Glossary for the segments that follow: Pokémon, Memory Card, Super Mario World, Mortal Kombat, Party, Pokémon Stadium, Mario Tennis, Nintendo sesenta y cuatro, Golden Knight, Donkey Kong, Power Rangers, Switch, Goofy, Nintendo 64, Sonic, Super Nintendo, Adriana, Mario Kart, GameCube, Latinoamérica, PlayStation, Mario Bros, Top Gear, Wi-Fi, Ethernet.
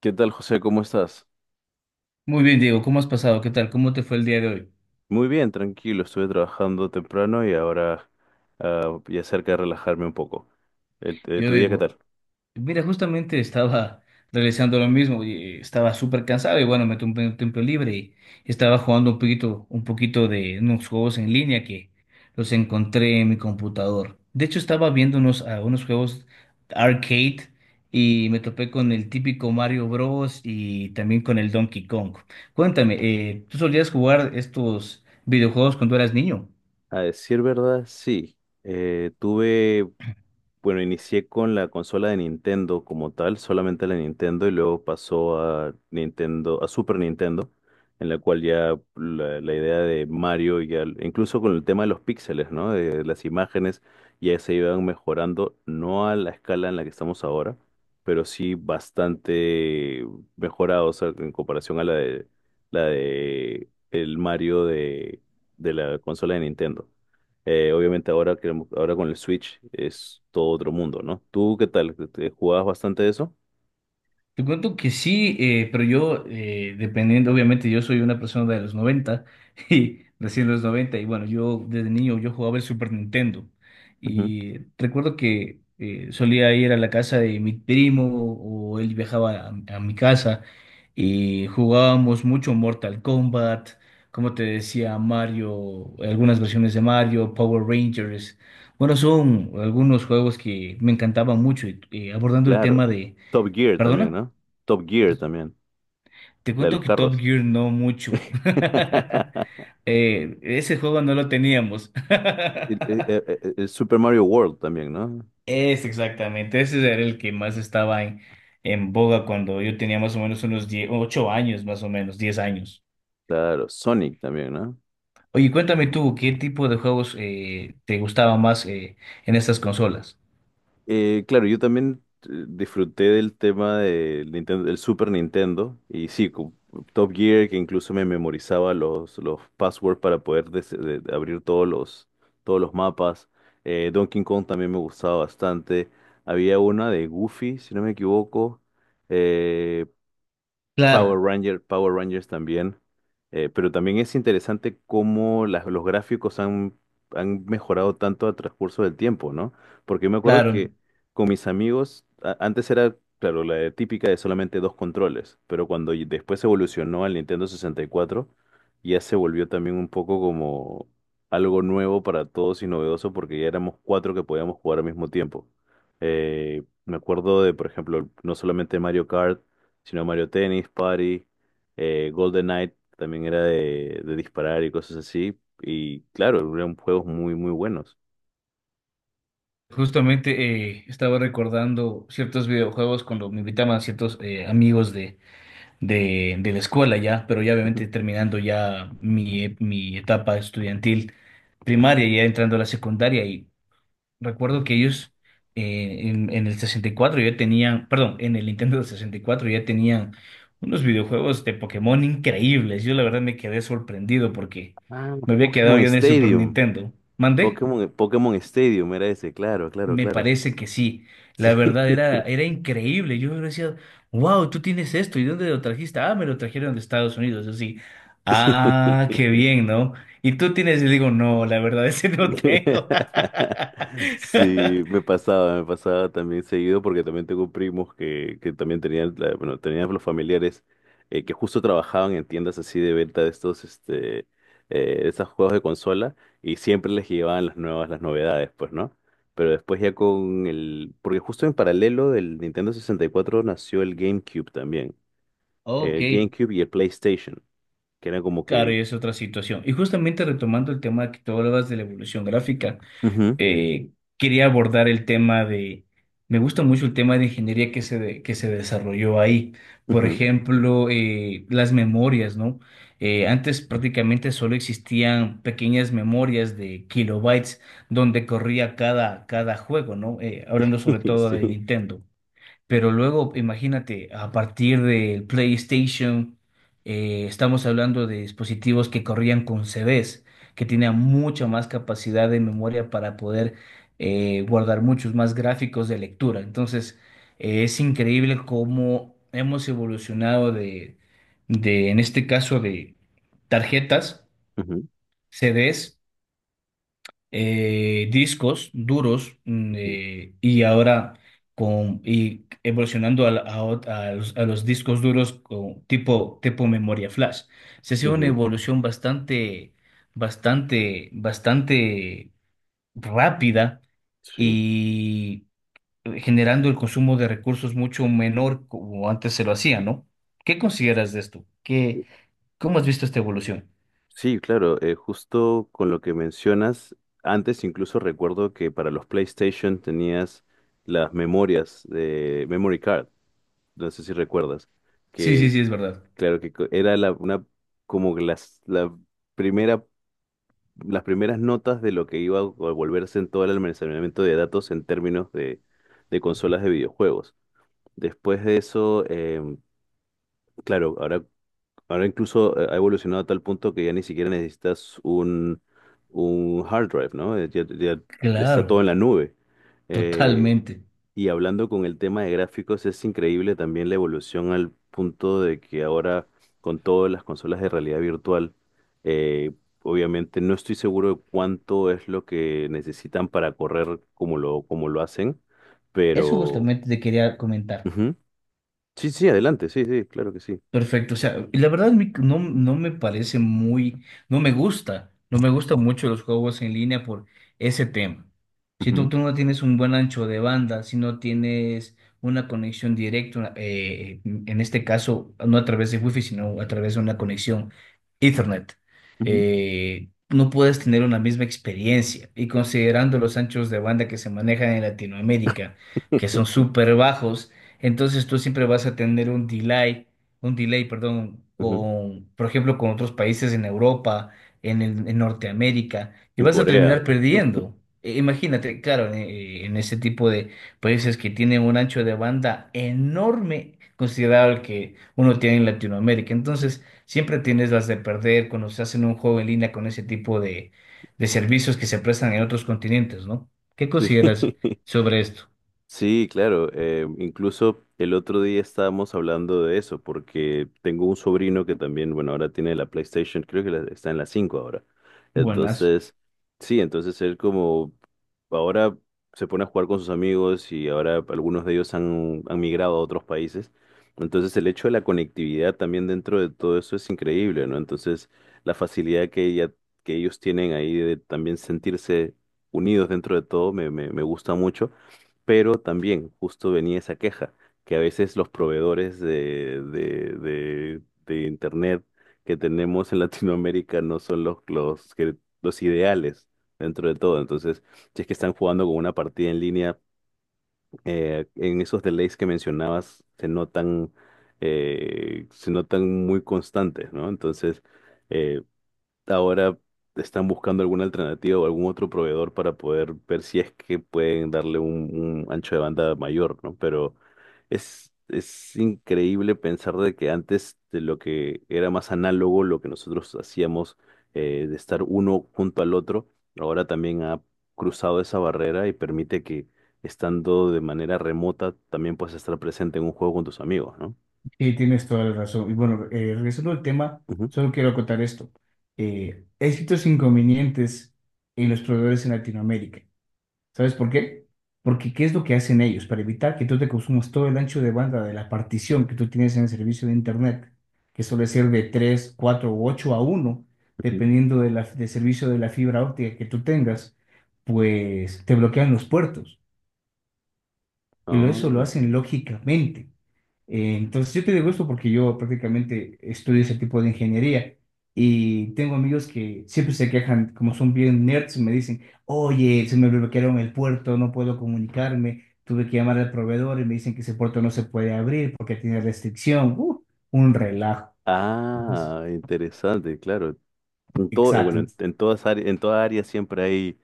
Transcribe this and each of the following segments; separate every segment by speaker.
Speaker 1: ¿Qué tal, José? ¿Cómo estás?
Speaker 2: Muy bien, Diego, ¿cómo has pasado? ¿Qué tal? ¿Cómo te fue el día de hoy?
Speaker 1: Muy bien, tranquilo. Estuve trabajando temprano y ahora ya cerca de relajarme un poco. El- eh,
Speaker 2: Yo
Speaker 1: ¿tu día qué tal?
Speaker 2: digo, mira, justamente estaba realizando lo mismo y estaba súper cansado y bueno, me tomé un tiempo libre y estaba jugando un poquito de unos juegos en línea que los encontré en mi computador. De hecho, estaba viendo unos, unos juegos arcade y me topé con el típico Mario Bros. Y también con el Donkey Kong. Cuéntame, ¿tú solías jugar estos videojuegos cuando eras niño?
Speaker 1: A decir verdad, sí. Tuve Bueno, inicié con la consola de Nintendo como tal, solamente la Nintendo, y luego pasó a Nintendo, a Super Nintendo, en la cual ya la idea de Mario, ya, incluso con el tema de los píxeles, ¿no? De las imágenes, ya se iban mejorando, no a la escala en la que estamos ahora, pero sí bastante mejorados o en comparación a la de el Mario de la consola de Nintendo. Obviamente ahora, ahora con el Switch es todo otro mundo, ¿no? ¿Tú qué tal? ¿Te jugabas bastante eso?
Speaker 2: Te cuento que sí, pero yo, dependiendo, obviamente, yo soy una persona de los 90 y nací los 90 y bueno, yo desde niño yo jugaba el Super Nintendo
Speaker 1: Ujú.
Speaker 2: y recuerdo que solía ir a la casa de mi primo o él viajaba a mi casa y jugábamos mucho Mortal Kombat, como te decía, Mario, algunas versiones de Mario, Power Rangers. Bueno, son algunos juegos que me encantaban mucho y abordando el
Speaker 1: Claro.
Speaker 2: tema de...
Speaker 1: Top Gear también,
Speaker 2: ¿Perdona?
Speaker 1: ¿no? Top Gear también,
Speaker 2: Te
Speaker 1: la de
Speaker 2: cuento
Speaker 1: los
Speaker 2: que Top
Speaker 1: carros.
Speaker 2: Gear no mucho. Ese juego no lo teníamos.
Speaker 1: El, el- el- el Super Mario World también, ¿no?
Speaker 2: Es exactamente, ese era el que más estaba en boga cuando yo tenía más o menos unos 10, 8 años, más o menos, 10 años.
Speaker 1: Claro, Sonic también, ¿no?
Speaker 2: Oye, cuéntame tú, ¿qué tipo de juegos te gustaba más en estas consolas?
Speaker 1: Claro, yo también disfruté del tema del Nintendo, del Super Nintendo y sí, con Top Gear que incluso me memorizaba los passwords para poder des- de abrir todos los mapas. Donkey Kong también me gustaba bastante. Había una de Goofy, si no me equivoco. Eh,
Speaker 2: Claro,
Speaker 1: Power Rangers también. Pero también es interesante cómo los gráficos han mejorado tanto a transcurso del tiempo, ¿no? Porque yo me acuerdo
Speaker 2: claro.
Speaker 1: que con mis amigos, antes era, claro, la de típica de solamente dos controles, pero cuando después evolucionó al Nintendo 64, ya se volvió también un poco como algo nuevo para todos y novedoso porque ya éramos cuatro que podíamos jugar al mismo tiempo. Me acuerdo de, por ejemplo, no solamente Mario Kart, sino Mario Tennis, Party, Golden Knight también era de disparar y cosas así. Y claro, eran juegos muy, muy buenos.
Speaker 2: Justamente estaba recordando ciertos videojuegos cuando me invitaban ciertos amigos de de la escuela ya, pero ya
Speaker 1: Ujú.
Speaker 2: obviamente terminando ya mi, mi etapa estudiantil primaria, ya entrando a la secundaria, y recuerdo que ellos en el 64 ya tenían, perdón, en el Nintendo del 64 ya tenían unos videojuegos de Pokémon increíbles. Yo la verdad me quedé sorprendido porque
Speaker 1: Ah,
Speaker 2: me había quedado
Speaker 1: Pokémon
Speaker 2: yo en el Super
Speaker 1: Stadium.
Speaker 2: Nintendo. ¿Mandé?
Speaker 1: Pokémon Stadium era ese, claro, claro,
Speaker 2: Me
Speaker 1: claro.
Speaker 2: parece que sí. La
Speaker 1: Sí.
Speaker 2: verdad era, era increíble. Yo decía, wow, tú tienes esto. ¿Y dónde lo trajiste? Ah, me lo trajeron de Estados Unidos. Yo sí. Ah,
Speaker 1: Sí.
Speaker 2: qué bien, ¿no? Y tú tienes, yo digo, no, la verdad es que no tengo.
Speaker 1: Sí, me pasaba también seguido porque también tengo primos que también bueno, tenían los familiares que justo trabajaban en tiendas así de venta de de estos juegos de consola y siempre les llevaban las nuevas, las novedades, pues, ¿no? Pero después ya con porque justo en paralelo del Nintendo 64 nació el GameCube también,
Speaker 2: Ok,
Speaker 1: el GameCube y el PlayStation, que era como
Speaker 2: claro,
Speaker 1: que...
Speaker 2: y es otra situación. Y justamente retomando el tema que tú hablabas de la evolución gráfica.
Speaker 1: Ujú,
Speaker 2: eh, Quería abordar el tema de, me gusta mucho el tema de ingeniería que se, que se desarrolló ahí. Por
Speaker 1: ujú.
Speaker 2: ejemplo, las memorias, ¿no? Antes prácticamente solo existían pequeñas memorias de kilobytes donde corría cada, cada juego, ¿no? Hablando sobre todo de
Speaker 1: Sí.
Speaker 2: Nintendo. Pero luego, imagínate, a partir del PlayStation, estamos hablando de dispositivos que corrían con CDs, que tenían mucha más capacidad de memoria para poder guardar muchos más gráficos de lectura. Entonces, es increíble cómo hemos evolucionado de, en este caso, de tarjetas,
Speaker 1: Ujú,
Speaker 2: CDs discos duros
Speaker 1: ujú,
Speaker 2: y ahora con, y evolucionando a, la- a ot- a los discos duros con tipo, tipo memoria flash. Se ha sido una
Speaker 1: ujú.
Speaker 2: evolución bastante, bastante, bastante rápida
Speaker 1: Sí.
Speaker 2: y generando el consumo de recursos mucho menor como antes se lo hacía, ¿no? ¿Qué consideras de esto? ¿Qué, cómo has visto esta evolución?
Speaker 1: Sí, claro, justo con lo que mencionas, antes incluso recuerdo que para los PlayStation tenías las memorias de Memory Card, no sé si recuerdas,
Speaker 2: Sí, sí,
Speaker 1: que
Speaker 2: sí, es verdad.
Speaker 1: claro que era una, como que la primera, las primeras notas de lo que iba a volverse en todo el almacenamiento de datos en términos de consolas de videojuegos. Después de eso, claro, ahora incluso ha evolucionado a tal punto que ya ni siquiera necesitas un hard drive, ¿no? Ya está
Speaker 2: Claro,
Speaker 1: todo en la nube. Eh,
Speaker 2: totalmente.
Speaker 1: hablando con el tema de gráficos, es increíble también la evolución al punto de que ahora con todas las consolas de realidad virtual, eh, obviamente no estoy seguro de cuánto es lo que necesitan para correr como lo hacen,
Speaker 2: Eso
Speaker 1: pero...
Speaker 2: justamente te quería comentar.
Speaker 1: Ujú. Sí, sí, adelante, sí, sí, claro que sí.
Speaker 2: Perfecto, o sea, y la verdad no, no me parece muy, no me gusta, no me gustan mucho los juegos en línea por ese tema.
Speaker 1: Ujú,
Speaker 2: Tú no tienes un buen ancho de banda, si no tienes una conexión directa, en este caso no a través de Wi-Fi, sino a través de una conexión Ethernet,
Speaker 1: ujú.
Speaker 2: no puedes tener una misma experiencia. Y considerando los anchos de banda que se manejan en Latinoamérica, que son súper bajos, entonces tú siempre vas a tener un delay, perdón,
Speaker 1: Ujú.
Speaker 2: con, por ejemplo, con otros países en Europa, en Norteamérica, y
Speaker 1: En
Speaker 2: vas a
Speaker 1: Corea.
Speaker 2: terminar perdiendo. Imagínate, claro, en ese tipo de países que tienen un ancho de banda enorme, considerado el que uno tiene en Latinoamérica. Entonces, siempre tienes las de perder cuando se hacen un juego en línea con ese tipo de servicios que se prestan en otros continentes, ¿no? ¿Qué consideras
Speaker 1: Sí.
Speaker 2: sobre esto?
Speaker 1: Sí, claro. Incluso el otro día estábamos hablando de eso, porque tengo un sobrino que también, bueno, ahora tiene la PlayStation, creo que está en la 5 ahora.
Speaker 2: Buenas.
Speaker 1: Entonces, sí, entonces él como ahora se pone a jugar con sus amigos y ahora algunos de ellos han migrado a otros países. Entonces el hecho de la conectividad también dentro de todo eso es increíble, ¿no? Entonces la facilidad que ellos tienen ahí de también sentirse unidos dentro de todo me gusta mucho, pero también justo venía esa queja, que a veces los proveedores de Internet que tenemos en Latinoamérica no son los ideales dentro de todo. Entonces, si es que están jugando con una partida en línea, en esos delays que mencionabas se notan muy constantes, ¿no? Entonces... eh, ahora están buscando alguna alternativa o algún otro proveedor para poder ver si es que pueden darle un ancho de banda mayor, ¿no? Pero es increíble pensar de que antes de lo que era más análogo, lo que nosotros hacíamos de estar uno junto al otro, ahora también ha cruzado esa barrera y permite que estando de manera remota también puedas estar presente en un juego con tus amigos, ¿no?
Speaker 2: Sí, tienes toda la razón. Y bueno, regresando al tema,
Speaker 1: Ujú,
Speaker 2: solo quiero acotar esto. He escrito inconvenientes en los proveedores en Latinoamérica. ¿Sabes por qué? Porque ¿qué es lo que hacen ellos para evitar que tú te consumas todo el ancho de banda de la partición que tú tienes en el servicio de Internet, que suele ser de 3, 4 u 8 a uno, dependiendo del servicio de la fibra óptica que tú tengas, pues te bloquean los puertos y eso lo
Speaker 1: ujú.
Speaker 2: hacen lógicamente. Entonces, yo te digo esto porque yo prácticamente estudio ese tipo de ingeniería y tengo amigos que siempre se quejan, como son bien nerds, me dicen, oye, se me bloquearon el puerto, no puedo comunicarme, tuve que llamar al proveedor y me dicen que ese puerto no se puede abrir porque tiene restricción. Un relajo. Entonces,
Speaker 1: Ah, ah, interesante, claro. En todo,
Speaker 2: exacto.
Speaker 1: en todas áreas, en toda área siempre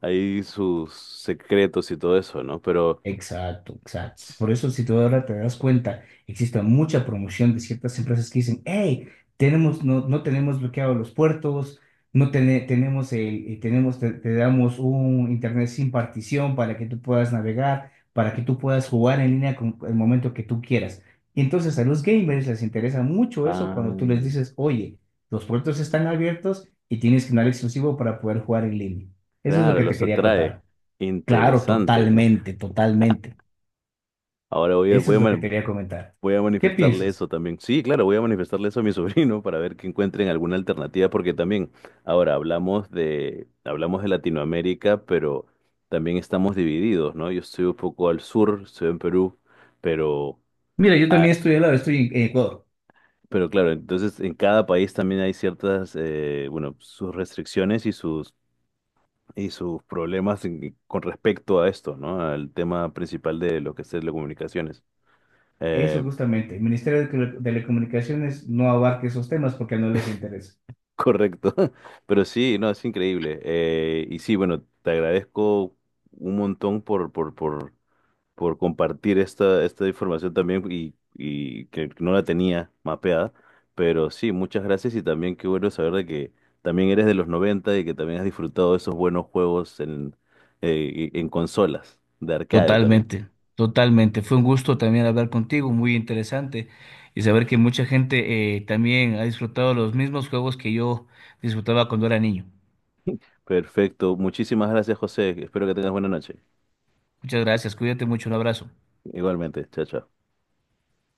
Speaker 1: hay sus secretos y todo eso, ¿no? Pero,
Speaker 2: Exacto, exacto. Por eso, si tú ahora te das cuenta, existe mucha promoción de ciertas empresas que dicen, hey, tenemos, no, no tenemos bloqueados los puertos, no tene- tenemos, tenemos te damos un internet sin partición para que tú puedas navegar, para que tú puedas jugar en línea con el momento que tú quieras. Y entonces a los gamers les interesa mucho eso
Speaker 1: ah,
Speaker 2: cuando tú les dices, oye, los puertos están abiertos y tienes canal exclusivo para poder jugar en línea. Eso es lo
Speaker 1: claro,
Speaker 2: que te
Speaker 1: los
Speaker 2: quería
Speaker 1: atrae.
Speaker 2: contar. Claro,
Speaker 1: Interesante.
Speaker 2: totalmente, totalmente.
Speaker 1: Ahora
Speaker 2: Eso es lo que te quería comentar.
Speaker 1: voy a
Speaker 2: ¿Qué
Speaker 1: manifestarle
Speaker 2: piensas?
Speaker 1: eso también. Sí, claro, voy a manifestarle eso a mi sobrino para ver que encuentren alguna alternativa, porque también, ahora hablamos de Latinoamérica, pero también estamos divididos, ¿no? Yo estoy un poco al sur, estoy en Perú, pero...
Speaker 2: Mira, yo
Speaker 1: Ah,
Speaker 2: también estoy al lado, estoy en Ecuador.
Speaker 1: pero claro, entonces en cada país también hay ciertas, bueno, sus restricciones y y sus problemas con respecto a esto, ¿no? Al tema principal de lo que es telecomunicaciones.
Speaker 2: Eso
Speaker 1: Eh,
Speaker 2: justamente. El Ministerio de Telecomunicaciones no abarca esos temas porque no les interesa.
Speaker 1: correcto. Pero sí, no, es increíble. Sí, bueno, te agradezco un montón por compartir esta información también y que no la tenía mapeada. Pero sí, muchas gracias y también qué bueno saber de que también eres de los 90 y que también has disfrutado de esos buenos juegos en consolas, de arcade también.
Speaker 2: Totalmente, totalmente. Fue un gusto también hablar contigo, muy interesante, y saber que mucha gente también ha disfrutado los mismos juegos que yo disfrutaba cuando era niño.
Speaker 1: Perfecto, muchísimas gracias, José, espero que tengas buena noche.
Speaker 2: Muchas gracias, cuídate mucho, un abrazo.
Speaker 1: Igualmente, chao, chao.